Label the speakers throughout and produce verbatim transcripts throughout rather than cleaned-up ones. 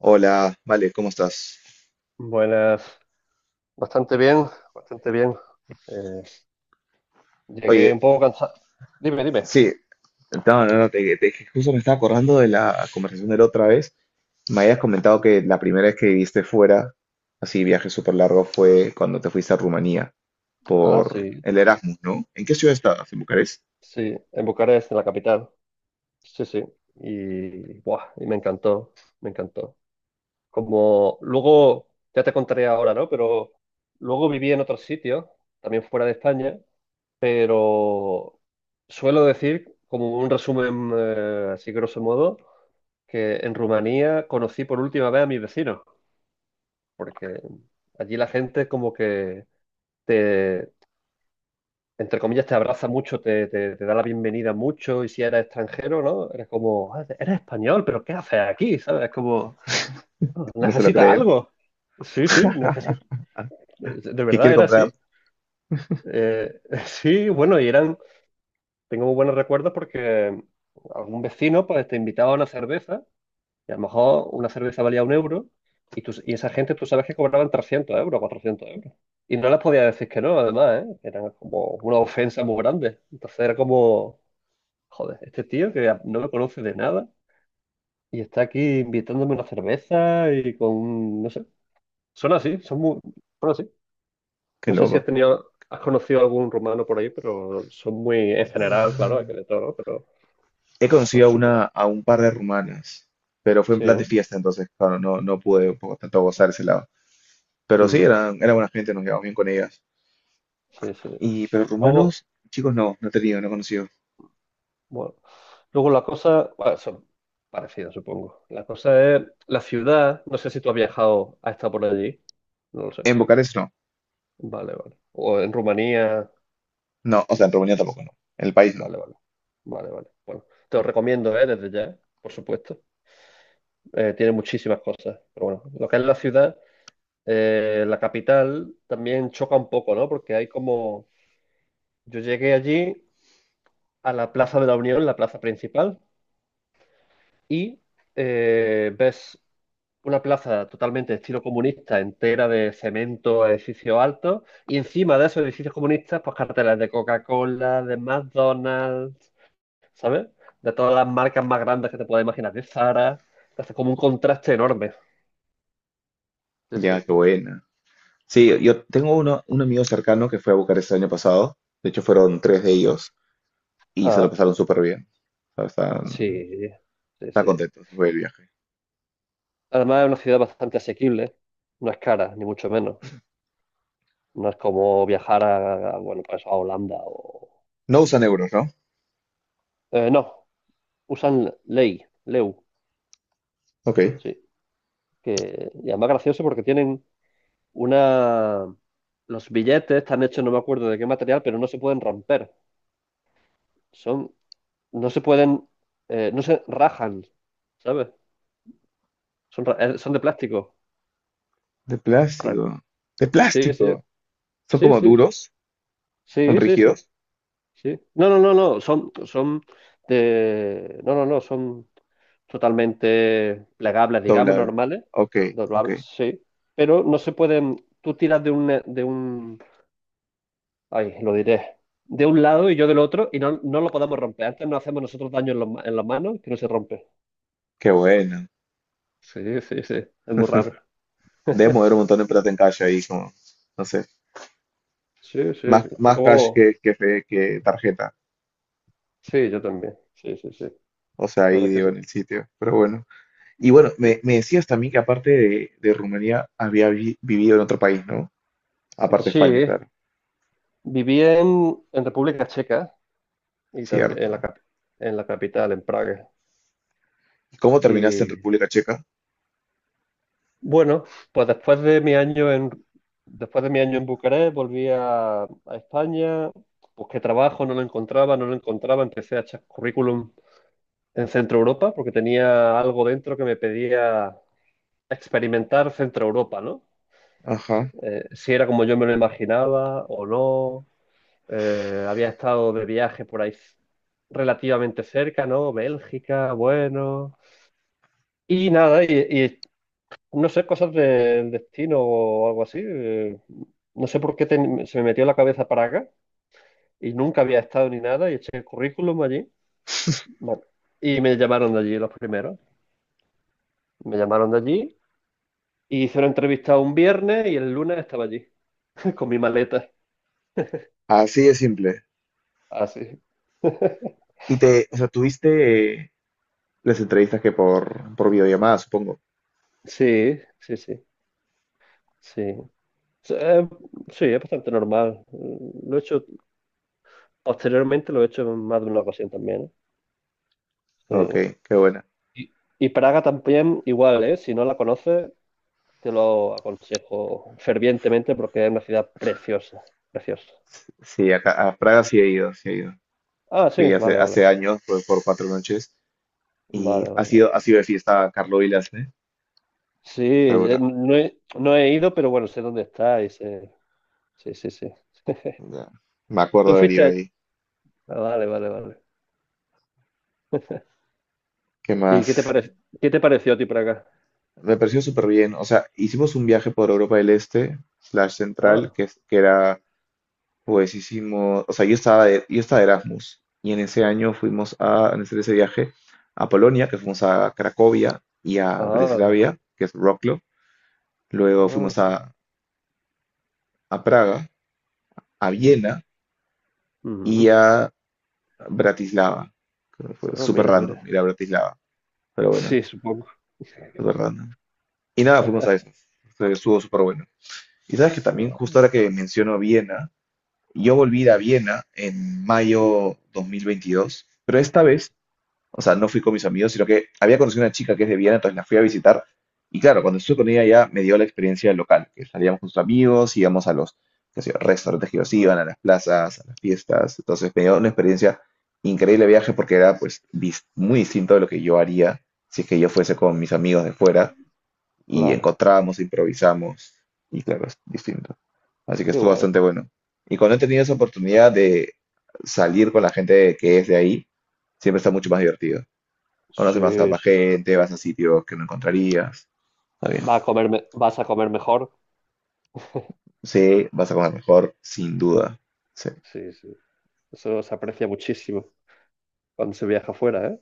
Speaker 1: Hola, vale, ¿cómo estás?
Speaker 2: Buenas, bastante bien, bastante bien. Eh, llegué
Speaker 1: Oye,
Speaker 2: un poco cansado. Dime, dime.
Speaker 1: sí, no, no, no, te, te- justo me estaba acordando de la conversación de la otra vez. Me habías comentado que la primera vez que viviste fuera, así viaje súper largo, fue cuando te fuiste a Rumanía
Speaker 2: Ah,
Speaker 1: por
Speaker 2: sí,
Speaker 1: el Erasmus, ¿no? ¿En qué ciudad estabas? ¿En Bucarest?
Speaker 2: sí, en Bucarest, en la capital. Sí, sí. Y, buah, y me encantó, me encantó. Como luego, ya te contaré ahora, ¿no? Pero luego viví en otro sitio, también fuera de España, pero suelo decir, como un resumen eh, así grosso modo, que en Rumanía conocí por última vez a mi vecino. Porque allí la gente como que te, entre comillas, te abraza mucho, te, te- te da la bienvenida mucho. Y si eres extranjero, ¿no? Eres como, "Ah, eres español, pero ¿qué haces aquí?" ¿Sabes? Es como, "Ah,
Speaker 1: No se lo
Speaker 2: necesitas
Speaker 1: creen.
Speaker 2: algo." Sí, sí, necesito. De
Speaker 1: ¿Qué
Speaker 2: verdad
Speaker 1: quiere
Speaker 2: era
Speaker 1: comprar?
Speaker 2: así. Eh, sí, bueno, y eran, tengo muy buenos recuerdos porque algún vecino pues te invitaba a una cerveza. Y a lo mejor una cerveza valía un euro, y, tú- y esa gente tú sabes que cobraban trescientos euros, cuatrocientos euros. Y no les podía decir que no, además, ¿eh? Eran como una ofensa muy grande. Entonces era como, joder, este tío que no me conoce de nada y está aquí invitándome una cerveza y con, un- no sé, son así, son muy, bueno, así.
Speaker 1: Qué
Speaker 2: No sé si has
Speaker 1: loco.
Speaker 2: tenido, has conocido algún rumano por ahí, pero son muy, en general, claro, hay que
Speaker 1: Mm.
Speaker 2: de todo, ¿no? Pero
Speaker 1: He
Speaker 2: son
Speaker 1: conocido a
Speaker 2: súper,
Speaker 1: una, a un par de rumanas, pero fue en
Speaker 2: sí,
Speaker 1: plan
Speaker 2: ¿eh?
Speaker 1: de fiesta, entonces, claro, no, no pude por tanto gozar ese lado. Pero sí,
Speaker 2: Mm,
Speaker 1: eran, era buena gente, nos llevamos bien con ellas.
Speaker 2: sí, sí.
Speaker 1: Y, pero
Speaker 2: Luego.
Speaker 1: rumanos, chicos, no, no he tenido, no he conocido.
Speaker 2: Bueno, luego la cosa, bueno, son parecidas, supongo. La cosa es la ciudad. No sé si tú has viajado, has estado por allí. No lo sé.
Speaker 1: En Bucarest no.
Speaker 2: Vale, vale. O en Rumanía.
Speaker 1: No, o sea, en Rumanía tampoco, ¿no? En el país no.
Speaker 2: Vale, vale. Vale, vale. Bueno, te lo recomiendo, ¿eh? Desde ya, por supuesto. Eh, tiene muchísimas cosas. Pero bueno, lo que es la ciudad, eh, la capital, también choca un poco, ¿no? Porque hay como. Yo llegué allí a la Plaza de la Unión, la plaza principal, y eh, ves una plaza totalmente de estilo comunista, entera de cemento, edificios altos, y encima de esos edificios comunistas, pues carteles de Coca-Cola, de McDonald's, ¿sabes? De todas las marcas más grandes que te puedas imaginar, de Zara. Hace como un contraste enorme. Sí,
Speaker 1: Ya,
Speaker 2: sí.
Speaker 1: qué buena. Sí, yo tengo uno, un amigo cercano que fue a Bucarest el año pasado. De hecho, fueron tres de ellos y se lo
Speaker 2: Ah,
Speaker 1: pasaron súper bien. O sea, están,
Speaker 2: sí, sí,
Speaker 1: están
Speaker 2: sí.
Speaker 1: contentos, fue el viaje.
Speaker 2: Además, es una ciudad bastante asequible. No es cara, ni mucho menos. No es como viajar a, a, bueno, pues a Holanda o.
Speaker 1: No usan euros, ¿no?
Speaker 2: Eh, no, usan ley, L E U,
Speaker 1: Ok.
Speaker 2: sí. Que, y además gracioso porque tienen una. Los billetes están hechos, no me acuerdo de qué material, pero no se pueden romper. Son, no se pueden, eh, no se rajan, ¿sabes? Son, ra- eh, son de plástico.
Speaker 1: De
Speaker 2: Ra-
Speaker 1: plástico. De
Speaker 2: Sí, sí,
Speaker 1: plástico. Son
Speaker 2: sí,
Speaker 1: como
Speaker 2: sí,
Speaker 1: duros, son
Speaker 2: sí, sí, sí,
Speaker 1: rígidos,
Speaker 2: sí. No, no, no, no, son, son de, no, no, no, son totalmente plegables, digamos,
Speaker 1: doblables.
Speaker 2: normales,
Speaker 1: Ok, ok.
Speaker 2: doblables, sí, pero no se pueden, tú tiras de un, de un Ay, lo diré. De un lado y yo del otro, y no, no lo podemos romper. Antes nos hacemos nosotros daño en, los ma- en las manos, que no se rompe.
Speaker 1: Qué bueno.
Speaker 2: Sí, sí, sí. Es muy raro.
Speaker 1: Debe mover un montón de plata en calle ahí, como, no sé.
Speaker 2: Sí, sí.
Speaker 1: Más, más cash
Speaker 2: Luego,
Speaker 1: que, que, fe- que tarjeta.
Speaker 2: sí, yo también. Sí, sí, sí. La
Speaker 1: O sea, ahí
Speaker 2: verdad es
Speaker 1: digo
Speaker 2: que
Speaker 1: en
Speaker 2: sí.
Speaker 1: el sitio. Pero bueno. Y bueno, me,
Speaker 2: Sí,
Speaker 1: me decías también que aparte de, de Rumanía había vi- vivido en otro país, ¿no? Aparte de España,
Speaker 2: sí,
Speaker 1: claro.
Speaker 2: viví en, en República Checa y también en la,
Speaker 1: Cierto.
Speaker 2: cap- en la capital, en Praga.
Speaker 1: ¿Y cómo terminaste
Speaker 2: Y
Speaker 1: en República Checa?
Speaker 2: bueno, pues después de mi año en, después de mi año en Bucarest, volví a, a España. Busqué trabajo, no lo encontraba, no lo encontraba. Empecé a echar currículum en Centro Europa, porque tenía algo dentro que me pedía experimentar Centro Europa, ¿no?
Speaker 1: Ajá.
Speaker 2: Eh, si era como yo me lo imaginaba o no. Eh, había estado de viaje por ahí relativamente cerca, ¿no? Bélgica, bueno. Y nada, y, y no sé, cosas del destino o algo así. eh, no sé por qué ten- se me metió en la cabeza para acá y nunca había estado ni nada y eché el currículum allí. Bueno, y me llamaron de allí los primeros. Me llamaron de allí. Y hice una entrevista un viernes y el lunes estaba allí, con mi maleta.
Speaker 1: Así de simple.
Speaker 2: Así.
Speaker 1: Y te, o sea, tuviste eh, las entrevistas que por, por videollamada, supongo.
Speaker 2: Sí, sí, sí, sí. Sí, so, eh, sí, es bastante normal. Lo he hecho, posteriormente lo he hecho en más de una ocasión también. ¿Eh? Sí.
Speaker 1: Ok, qué buena.
Speaker 2: Y, y Praga también, igual, ¿eh? Si no la conoces, te lo aconsejo fervientemente porque es una ciudad preciosa, preciosa.
Speaker 1: Sí, acá, a Praga sí he ido, sí he ido.
Speaker 2: Ah, sí,
Speaker 1: Fui hace,
Speaker 2: vale, vale,
Speaker 1: hace años, fue por cuatro noches. Y
Speaker 2: vale,
Speaker 1: ha
Speaker 2: vale.
Speaker 1: sido, ha sido de fiesta Carlos Vilas, ¿eh?
Speaker 2: Sí,
Speaker 1: Seguro.
Speaker 2: eh, no he, no he ido, pero bueno, sé dónde está y sé, sí, sí, sí.
Speaker 1: Ya. Me acuerdo
Speaker 2: ¿Tú
Speaker 1: de haber
Speaker 2: fuiste?
Speaker 1: ido ahí.
Speaker 2: Ah, vale, vale, vale.
Speaker 1: ¿Qué
Speaker 2: ¿Y qué te
Speaker 1: más?
Speaker 2: parece, qué te pareció a ti por acá?
Speaker 1: Me pareció súper bien. O sea, hicimos un viaje por Europa del Este, slash central,
Speaker 2: Ah,
Speaker 1: que, es- que era, pues hicimos, o sea, yo estaba de, yo estaba de Erasmus y en ese año fuimos a, en ese, ese viaje a Polonia, que fuimos a Cracovia y a
Speaker 2: ah,
Speaker 1: Breslavia, que es Wrocław. Luego
Speaker 2: ah.
Speaker 1: fuimos a, a Praga, a
Speaker 2: Mm,
Speaker 1: Viena y
Speaker 2: mm.
Speaker 1: a Bratislava. Que fue
Speaker 2: Ah,
Speaker 1: súper
Speaker 2: mira,
Speaker 1: random
Speaker 2: mira.
Speaker 1: ir a Bratislava, pero bueno,
Speaker 2: Sí, supongo.
Speaker 1: súper random. Y nada, fuimos a eso. Estuvo súper bueno. Y sabes que también
Speaker 2: Ah,
Speaker 1: justo ahora que menciono Viena, yo volví a ir a
Speaker 2: sí,
Speaker 1: Viena en mayo dos mil veintidós, pero esta vez, o sea, no fui con mis amigos, sino que había conocido una chica que es de Viena, entonces la fui a visitar. Y claro, cuando estuve con ella ya me dio la experiencia local, que salíamos con sus amigos, íbamos a los qué sé yo, restaurantes que ellos iban, a las plazas, a las fiestas. Entonces me dio una experiencia increíble de viaje porque era pues dis- muy distinto de lo que yo haría si es que yo fuese con mis amigos de fuera y
Speaker 2: claro.
Speaker 1: encontramos, improvisamos y claro, es distinto. Así que
Speaker 2: Qué
Speaker 1: estuvo
Speaker 2: guay.
Speaker 1: bastante bueno. Y cuando he tenido esa oportunidad de salir con la gente que es de ahí, siempre está mucho más divertido. Conoces más a
Speaker 2: Sí,
Speaker 1: más
Speaker 2: sí, sí.
Speaker 1: gente, vas a sitios que no encontrarías. Está bien.
Speaker 2: Va a comer me- vas a comer mejor.
Speaker 1: Sí, vas a comer mejor, sin duda. Sí,
Speaker 2: Sí, sí. Eso se aprecia muchísimo cuando se viaja afuera, ¿eh?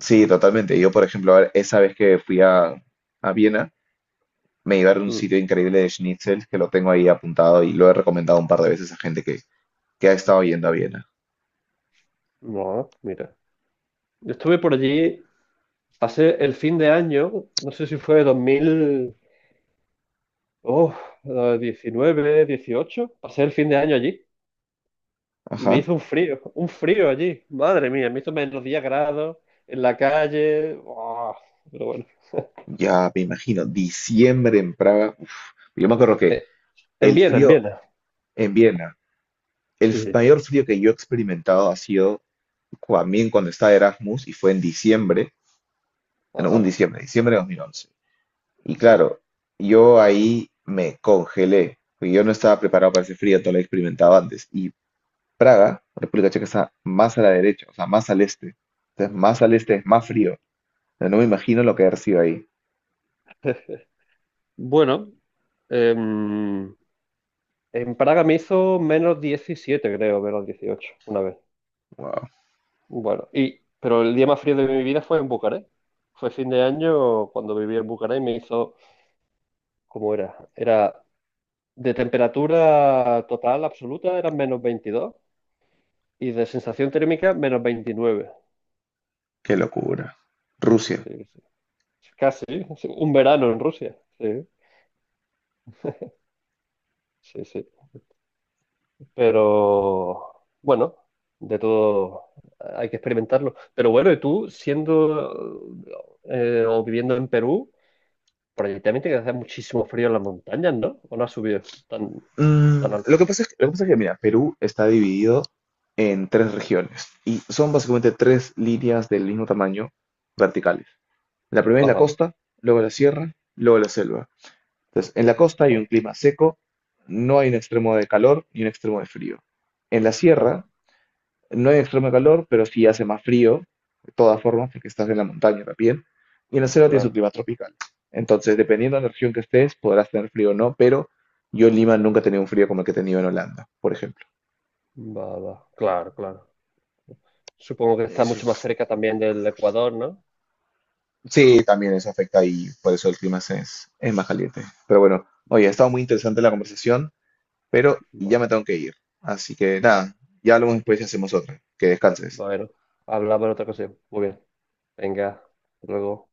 Speaker 1: sí, totalmente. Yo, por ejemplo, ahora- esa vez que fui a, a Viena, me llevaron a un
Speaker 2: Mm.
Speaker 1: sitio increíble de schnitzel que lo tengo ahí apuntado y lo he recomendado un par de veces a gente que, que ha estado yendo a Viena.
Speaker 2: No, mira. Yo estuve por allí, pasé el fin de año, no sé si fue dos mil oh, eh, diecinueve, dieciocho, pasé el fin de año allí. Y me
Speaker 1: Ajá.
Speaker 2: hizo un frío, un frío allí. Madre mía, me hizo menos diez grados en la calle. Buah, pero bueno.
Speaker 1: Ya me imagino, diciembre en Praga. Uf. Yo me acuerdo que
Speaker 2: Eh, en
Speaker 1: el
Speaker 2: Viena, en
Speaker 1: frío
Speaker 2: Viena.
Speaker 1: en Viena, el
Speaker 2: Sí.
Speaker 1: mayor frío que yo he experimentado ha sido también cuando estaba de Erasmus y fue en diciembre, en un
Speaker 2: Ah,
Speaker 1: diciembre, diciembre de dos mil once. Y
Speaker 2: sí.
Speaker 1: claro, yo ahí me congelé, porque yo no estaba preparado para ese frío, no lo he experimentado antes. Y Praga, República Checa, está más a la derecha, o sea, más al este. Entonces, más al este es más frío. O sea, no me imagino lo que ha sido ahí.
Speaker 2: Bueno, em, en Praga me hizo menos diecisiete creo, menos dieciocho una vez.
Speaker 1: Wow,
Speaker 2: Bueno, y, pero el día más frío de mi vida fue en Bucarest. Fue fin de año cuando viví en Bucarest y me hizo, ¿cómo era? Era de temperatura total absoluta, eran menos veintidós y de sensación térmica menos veintinueve.
Speaker 1: qué locura. Rusia.
Speaker 2: Sí, sí. Casi, sí, un verano en Rusia. Sí, sí, sí. Pero bueno, de todo hay que experimentarlo. Pero bueno, y tú siendo eh, o viviendo en Perú, por allí también tiene que hacer muchísimo frío en las montañas, ¿no? ¿O no has subido tan,
Speaker 1: Mm,
Speaker 2: tan alto?
Speaker 1: lo que pasa es, lo que pasa es que, mira, Perú está dividido en tres regiones y son básicamente tres líneas del mismo tamaño verticales. La primera es la
Speaker 2: Ajá,
Speaker 1: costa, luego la sierra, luego la selva. Entonces, en la costa hay
Speaker 2: ajá,
Speaker 1: un clima seco, no hay un extremo de calor y un extremo de frío. En la
Speaker 2: ajá.
Speaker 1: sierra no hay extremo calor, pero sí hace más frío, de todas formas, porque estás en la montaña también. Y en la selva tienes un
Speaker 2: Claro,
Speaker 1: clima tropical. Entonces, dependiendo de la región que estés, podrás tener frío o no, pero yo en Lima nunca he tenido un frío como el que he tenido en Holanda, por ejemplo.
Speaker 2: va, va. Claro, claro. Supongo que
Speaker 1: Sí,
Speaker 2: está
Speaker 1: sí.
Speaker 2: mucho más cerca también del Ecuador, ¿no?
Speaker 1: Sí, también eso afecta y por eso el clima se- es, es más caliente. Pero bueno, oye, ha estado muy interesante la conversación, pero ya
Speaker 2: Bueno.
Speaker 1: me tengo que ir. Así que nada, ya hablamos después y hacemos otra. Que descanses.
Speaker 2: Bueno, hablamos en otra ocasión. Muy bien. Venga, hasta luego.